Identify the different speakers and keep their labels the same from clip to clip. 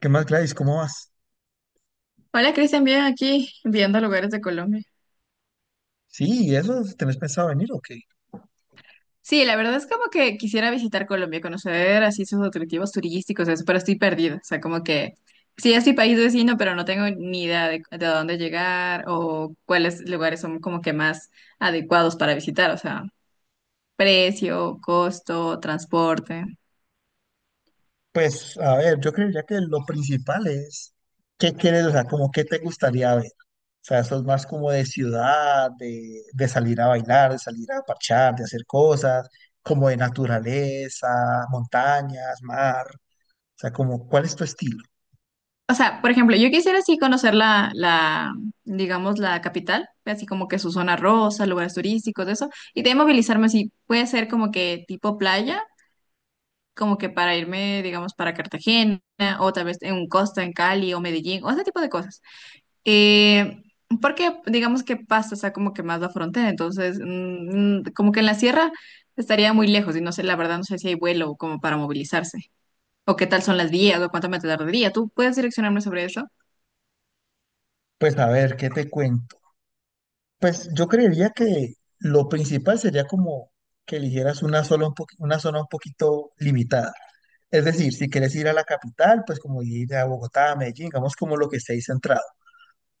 Speaker 1: ¿Qué más, Gladys? ¿Cómo vas?
Speaker 2: Hola Cristian, bien aquí viendo lugares de Colombia.
Speaker 1: Sí, ¿y eso tenés pensado venir o qué?
Speaker 2: Sí, la verdad es como que quisiera visitar Colombia, conocer así sus atractivos turísticos, eso, pero estoy perdida. O sea, como que sí es mi país vecino, pero no tengo ni idea de a dónde llegar o cuáles lugares son como que más adecuados para visitar. O sea, precio, costo, transporte.
Speaker 1: Pues, a ver, yo creería que lo principal es qué quieres, o sea, como qué te gustaría ver. O sea, eso es más como de ciudad, de salir a bailar, de salir a parchar, de hacer cosas, como de naturaleza, montañas, mar. O sea, como, ¿cuál es tu estilo?
Speaker 2: O sea, por ejemplo, yo quisiera así conocer digamos, la capital, así como que su zona rosa, lugares turísticos, de eso. Y de ahí movilizarme así, puede ser como que tipo playa como que para irme, digamos, para Cartagena o tal vez en un Costa, en Cali o Medellín o ese tipo de cosas. Eh, Porque digamos que pasa, o sea, como que más la frontera, entonces como que en la sierra estaría muy lejos y no sé, la verdad no sé si hay vuelo como para movilizarse o qué tal son las vías o cuánto me tardaría. ¿Tú puedes direccionarme sobre eso?
Speaker 1: Pues, a ver, ¿qué te cuento? Pues, yo creería que lo principal sería como que eligieras una sola una zona un poquito limitada. Es decir, si quieres ir a la capital, pues como ir a Bogotá, a Medellín, digamos como lo que esté ahí centrado.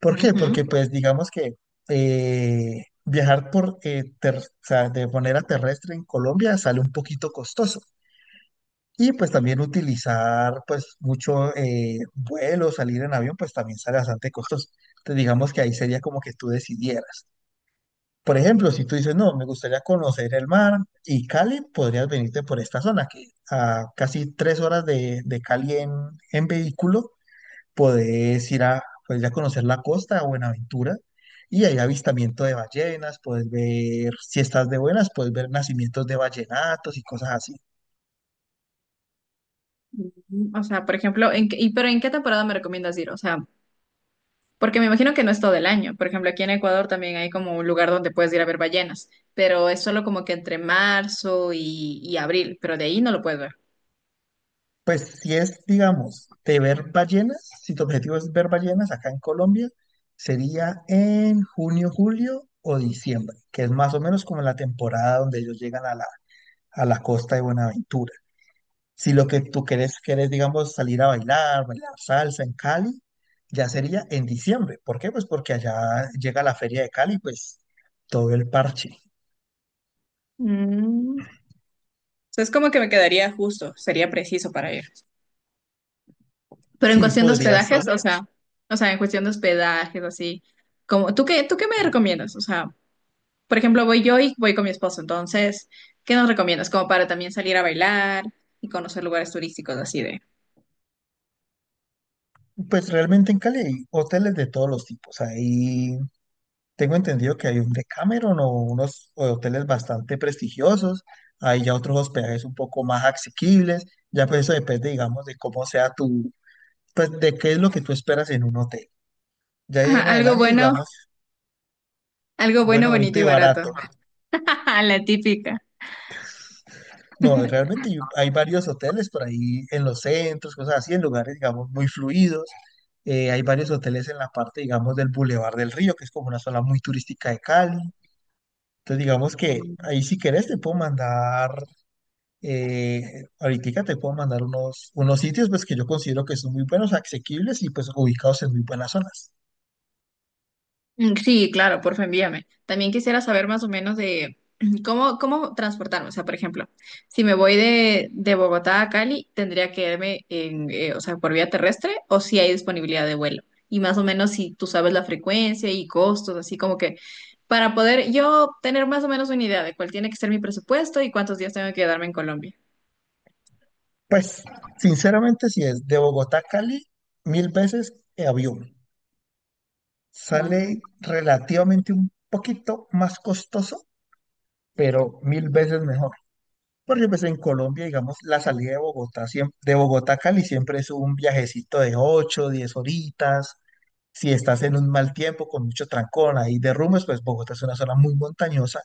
Speaker 1: ¿Por qué? Porque
Speaker 2: Ujú.
Speaker 1: pues digamos que viajar por, o sea, de manera terrestre en Colombia sale un poquito costoso. Y pues también utilizar pues mucho vuelo, salir en avión, pues también sale bastante costoso. Entonces digamos que ahí sería como que tú decidieras. Por ejemplo, si tú dices, no, me gustaría conocer el mar y Cali, podrías venirte por esta zona, que a casi 3 horas de Cali en vehículo, podés ir a conocer la costa de Buenaventura y hay avistamiento de ballenas, puedes ver, si estás de buenas, puedes ver nacimientos de ballenatos y cosas así.
Speaker 2: Ujú. O sea, por ejemplo, ¿en qué temporada me recomiendas ir? O sea, porque me imagino que no es todo el año. Por ejemplo, aquí en Ecuador también hay como un lugar donde puedes ir a ver ballenas, pero es solo como que entre marzo y abril, pero de ahí no lo puedes ver.
Speaker 1: Pues si es, digamos, de ver ballenas, si tu objetivo es ver ballenas acá en Colombia, sería en junio, julio o diciembre, que es más o menos como la temporada donde ellos llegan a la costa de Buenaventura. Si lo que tú querés, digamos, salir a bailar, bailar salsa en Cali, ya sería en diciembre. ¿Por qué? Pues porque allá llega la feria de Cali, pues todo el parche.
Speaker 2: Mm. O sea, es como que me quedaría justo, sería preciso para ir. Pero en
Speaker 1: Sí,
Speaker 2: cuestión de
Speaker 1: podría ser.
Speaker 2: hospedajes, o sea, en cuestión de hospedajes, así, como, ¿tú qué me recomiendas? O sea, por ejemplo, voy yo y voy con mi esposo, entonces, ¿qué nos recomiendas? Como para también salir a bailar y conocer lugares turísticos así de...
Speaker 1: Pues realmente en Cali hay hoteles de todos los tipos. Ahí tengo entendido que hay un Decameron o unos hoteles bastante prestigiosos. Hay ya otros hospedajes un poco más asequibles. Ya pues eso depende, digamos, de cómo sea tu, pues de qué es lo que tú esperas en un hotel. Ya ahí
Speaker 2: Ajá,
Speaker 1: en adelante, digamos,
Speaker 2: algo bueno,
Speaker 1: bueno,
Speaker 2: bonito
Speaker 1: bonito y
Speaker 2: y barato.
Speaker 1: barato.
Speaker 2: Ah, la típica.
Speaker 1: No, realmente yo- hay varios hoteles por ahí en los centros, cosas así, en lugares, digamos, muy fluidos. Hay varios hoteles en la parte, digamos, del Boulevard del Río, que es como una zona muy turística de Cali. Entonces, digamos que ahí si querés te puedo mandar, ahorita te puedo mandar unos sitios pues que yo considero que son muy buenos, asequibles y pues ubicados en muy buenas zonas.
Speaker 2: Mm, sí, claro, porfa, envíame. También quisiera saber más o menos de cómo transportarme. O sea, por ejemplo, si me voy de Bogotá a Cali, ¿tendría que irme o sea, por vía terrestre o si hay disponibilidad de vuelo? Y más o menos si tú sabes la frecuencia y costos, así como que para poder yo tener más o menos una idea de cuál tiene que ser mi presupuesto y cuántos días tengo que quedarme en Colombia.
Speaker 1: Pues, sinceramente, si es de Bogotá a Cali, mil veces avión.
Speaker 2: Ujú.
Speaker 1: Sale relativamente un poquito más costoso, pero mil veces mejor. Porque pues en Colombia, digamos, la salida de Bogotá, de Bogotá a Cali siempre es un viajecito de 8, 10 horitas. Si estás en un mal tiempo, con mucho trancón, ahí derrumbes, pues Bogotá es una zona muy montañosa.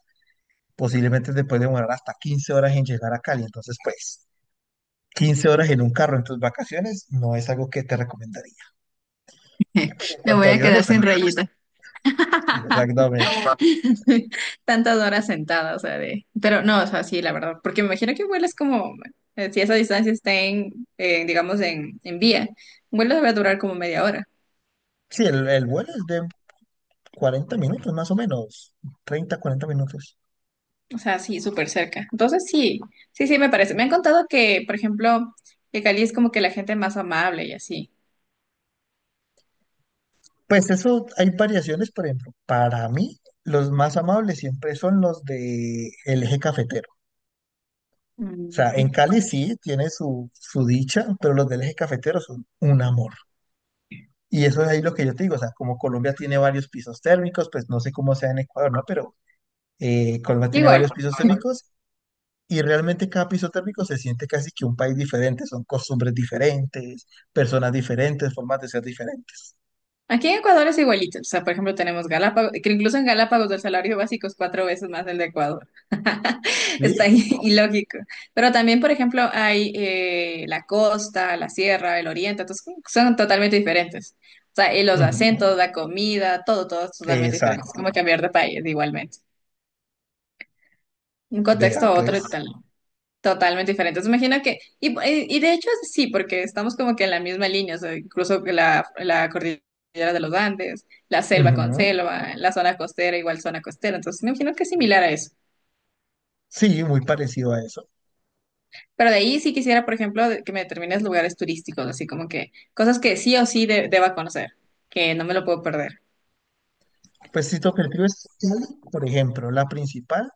Speaker 1: Posiblemente te puede demorar hasta 15 horas en llegar a Cali. Entonces, pues, 15 horas en un carro en tus vacaciones no es algo que te recomendaría. Pues en
Speaker 2: Me
Speaker 1: cuanto
Speaker 2: voy
Speaker 1: a
Speaker 2: a quedar
Speaker 1: aviones,
Speaker 2: sin
Speaker 1: ahí
Speaker 2: rayitas.
Speaker 1: sí, exactamente.
Speaker 2: Tantas horas sentada, o sea, de... Pero no, o sea, sí, la verdad, porque me imagino que vuelas como, si esa distancia está en, digamos, en vía, un vuelo debe durar como media hora,
Speaker 1: Sí, el vuelo es de 40 minutos más o menos, 30, 40 minutos.
Speaker 2: o sea, sí, súper cerca. Entonces, sí, sí, me parece. Me han contado que, por ejemplo, que Cali es como que la gente más amable y así.
Speaker 1: Pues eso, hay variaciones, por ejemplo, para mí los más amables siempre son los de el eje cafetero. O sea, en
Speaker 2: Mm.
Speaker 1: Cali sí tiene su dicha, pero los del eje cafetero son un amor. Y eso es ahí lo que yo te digo, o sea, como Colombia tiene varios pisos térmicos, pues no sé cómo sea en Ecuador, ¿no? Pero Colombia tiene
Speaker 2: Igual,
Speaker 1: varios pisos térmicos y realmente cada piso térmico se siente casi que un país diferente, son costumbres diferentes, personas diferentes, formas de ser diferentes.
Speaker 2: aquí en Ecuador es igualito. O sea, por ejemplo, tenemos Galápagos, que incluso en Galápagos el salario básico es cuatro veces más el de Ecuador. Está
Speaker 1: ¿Sí?
Speaker 2: ilógico. Pero también, por ejemplo, hay la costa, la sierra, el oriente, entonces son totalmente diferentes. O sea, y los
Speaker 1: Ujú.
Speaker 2: acentos, la comida, todo, todo es totalmente diferente. Es
Speaker 1: Exacto.
Speaker 2: como cambiar de país igualmente. Un
Speaker 1: Vea,
Speaker 2: contexto a otro y
Speaker 1: pues.
Speaker 2: tal. Totalmente diferente, entonces imagino que, de hecho sí, porque estamos como que en la misma línea, o sea, incluso que la cordillera de los Andes, la selva con
Speaker 1: Ujú.
Speaker 2: selva, la zona costera igual zona costera, entonces me imagino que es similar a eso.
Speaker 1: Sí, muy parecido a eso.
Speaker 2: Pero de ahí sí quisiera, por ejemplo, que me determines lugares turísticos, así como que cosas que sí o sí deba conocer, que no me lo puedo perder.
Speaker 1: Pues si tu objetivo es Cali, por ejemplo, la principal,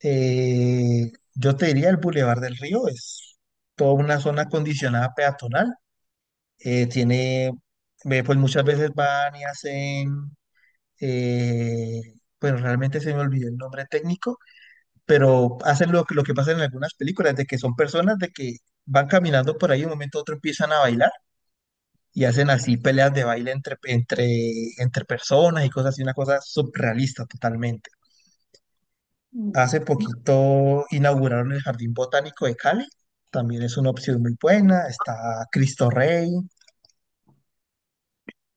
Speaker 1: yo te diría el Boulevard del Río, es toda una zona acondicionada peatonal. Tiene, ve, pues muchas veces van y hacen, eh, bueno, realmente se me olvidó el nombre técnico, pero hacen lo que pasa en algunas películas, de que son personas de que van caminando por ahí y de un momento a otro empiezan a bailar y hacen así peleas de baile entre personas y cosas así, una cosa surrealista totalmente. Hace poquito inauguraron el Jardín Botánico de Cali, también es una opción muy buena, está Cristo Rey.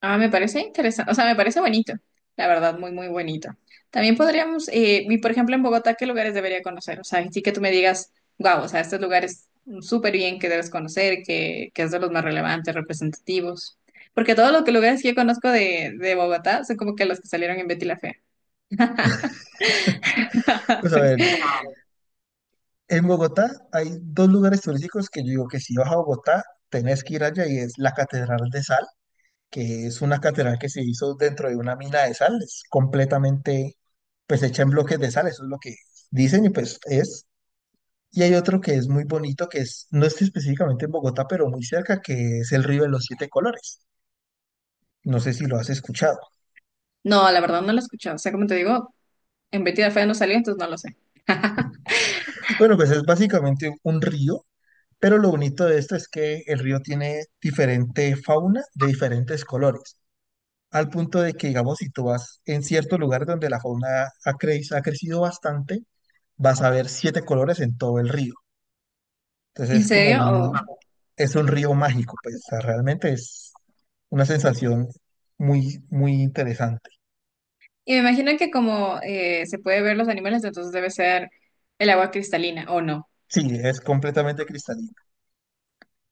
Speaker 2: Ah, me parece interesante, o sea, me parece bonito, la verdad, muy, muy bonito. También podríamos, por ejemplo en Bogotá, ¿qué lugares debería conocer? O sea, sí que tú me digas, wow, o sea, estos lugares súper bien, que debes conocer, que es de los más relevantes, representativos. Porque todos los lugares que yo conozco de Bogotá son como que los que salieron en Betty la Fea.
Speaker 1: Pues a ver, en Bogotá hay dos lugares turísticos que yo digo que si vas a Bogotá, tenés que ir allá y es la Catedral de Sal, que es una catedral que se hizo dentro de una mina de sal, es completamente pues hecha en bloques de sal, eso es lo que dicen y pues es. Y hay otro que es muy bonito, que es, no está específicamente en Bogotá, pero muy cerca, que es el río de los siete colores. No sé si lo has escuchado.
Speaker 2: No, la verdad no lo he escuchado, o sea, como te digo, en Betty la Fea no salió, entonces no lo sé.
Speaker 1: Bueno, pues es básicamente un río, pero lo bonito de esto es que el río tiene diferente fauna de diferentes colores, al punto de que, digamos, si tú vas en cierto lugar donde la fauna ha crecido bastante, vas a ver siete colores en todo el río. Entonces
Speaker 2: ¿En serio? Oh.
Speaker 1: es un río mágico, pues o sea, realmente es una sensación muy, muy interesante.
Speaker 2: Y me imagino que como se puede ver los animales, entonces debe ser el agua cristalina, ¿o no?
Speaker 1: Sí, es completamente cristalino.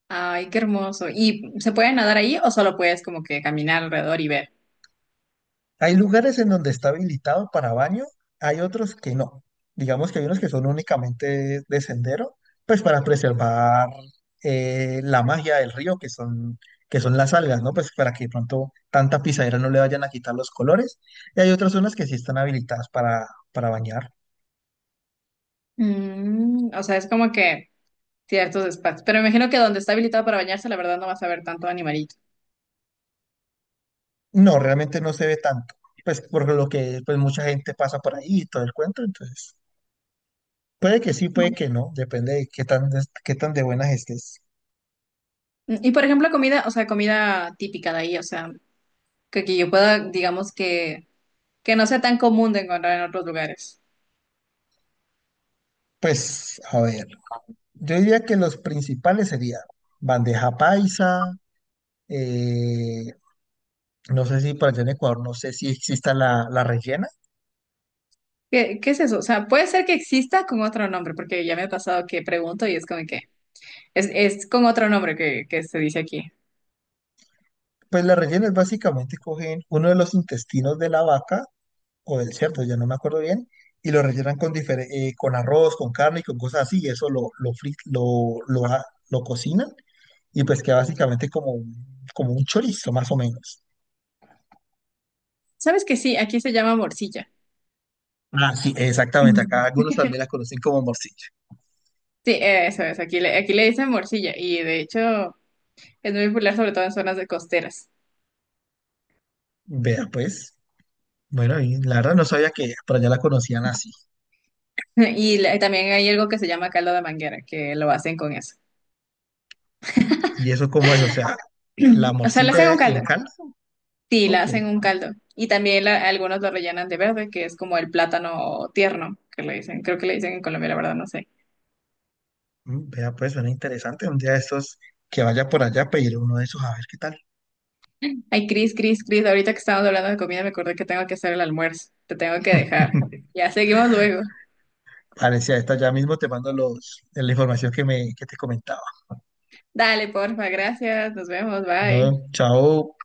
Speaker 2: Ay, qué hermoso. ¿Y se puede nadar ahí o solo puedes como que caminar alrededor y ver?
Speaker 1: Hay lugares en donde está habilitado para baño, hay otros que no. Digamos que hay unos que son únicamente de sendero, pues para preservar la magia del río, que son las algas, ¿no? Pues para que de pronto tanta pisadera no le vayan a quitar los colores. Y hay otras zonas que sí están habilitadas para bañar.
Speaker 2: Mm, o sea, es como que ciertos espacios. Pero me imagino que donde está habilitado para bañarse, la verdad no vas a ver tanto animalito.
Speaker 1: No, realmente no se ve tanto. Pues por lo que pues mucha gente pasa por ahí y todo el cuento, entonces puede que sí, puede que no, depende de qué tan de buenas estés.
Speaker 2: Mm, y por ejemplo, comida, o sea, comida típica de ahí, o sea, que yo pueda, digamos que no sea tan común de encontrar en otros lugares.
Speaker 1: Pues, a ver, yo diría que los principales serían bandeja paisa, eh, no sé si para allá en Ecuador, no sé si exista la rellena.
Speaker 2: ¿Qué, qué es eso? O sea, puede ser que exista con otro nombre, porque ya me ha pasado que pregunto y es como que es con otro nombre que se dice aquí.
Speaker 1: Pues la rellena es básicamente cogen uno de los intestinos de la vaca o del cerdo, ya no me acuerdo bien, y lo rellenan con, con arroz, con carne y con cosas así, y eso lo, fri- lo, a- lo cocinan y pues queda básicamente como un, chorizo, más o menos.
Speaker 2: ¿Sabes que sí? Aquí se llama morcilla.
Speaker 1: Ah, sí, exactamente, acá algunos también la conocen como morcilla.
Speaker 2: Sí, eso es, aquí le dicen morcilla y de hecho es muy popular sobre todo en zonas de costeras.
Speaker 1: Vea, pues. Bueno, y la verdad no sabía que por allá la conocían así.
Speaker 2: Y también hay algo que se llama caldo de manguera, que lo hacen con eso.
Speaker 1: ¿Y eso cómo es? O sea, ¿la
Speaker 2: O sea, le hacen
Speaker 1: morcilla
Speaker 2: un
Speaker 1: en
Speaker 2: caldo.
Speaker 1: Canadá?
Speaker 2: Sí, la
Speaker 1: Ok.
Speaker 2: hacen un caldo. Y también algunos lo rellenan de verde, que es como el plátano tierno, que le dicen. Creo que le dicen en Colombia, la verdad, no sé.
Speaker 1: Vea, pues suena interesante. Un día de estos que vaya por allá, pediré uno de esos a ver qué tal.
Speaker 2: Ay, Cris, Cris, Cris, ahorita que estamos hablando de comida me acordé que tengo que hacer el almuerzo. Te tengo que dejar. Ya seguimos luego.
Speaker 1: Parecía esta ya mismo te mando la información que te comentaba.
Speaker 2: Dale, porfa, gracias. Nos vemos, bye.
Speaker 1: Bueno, chao.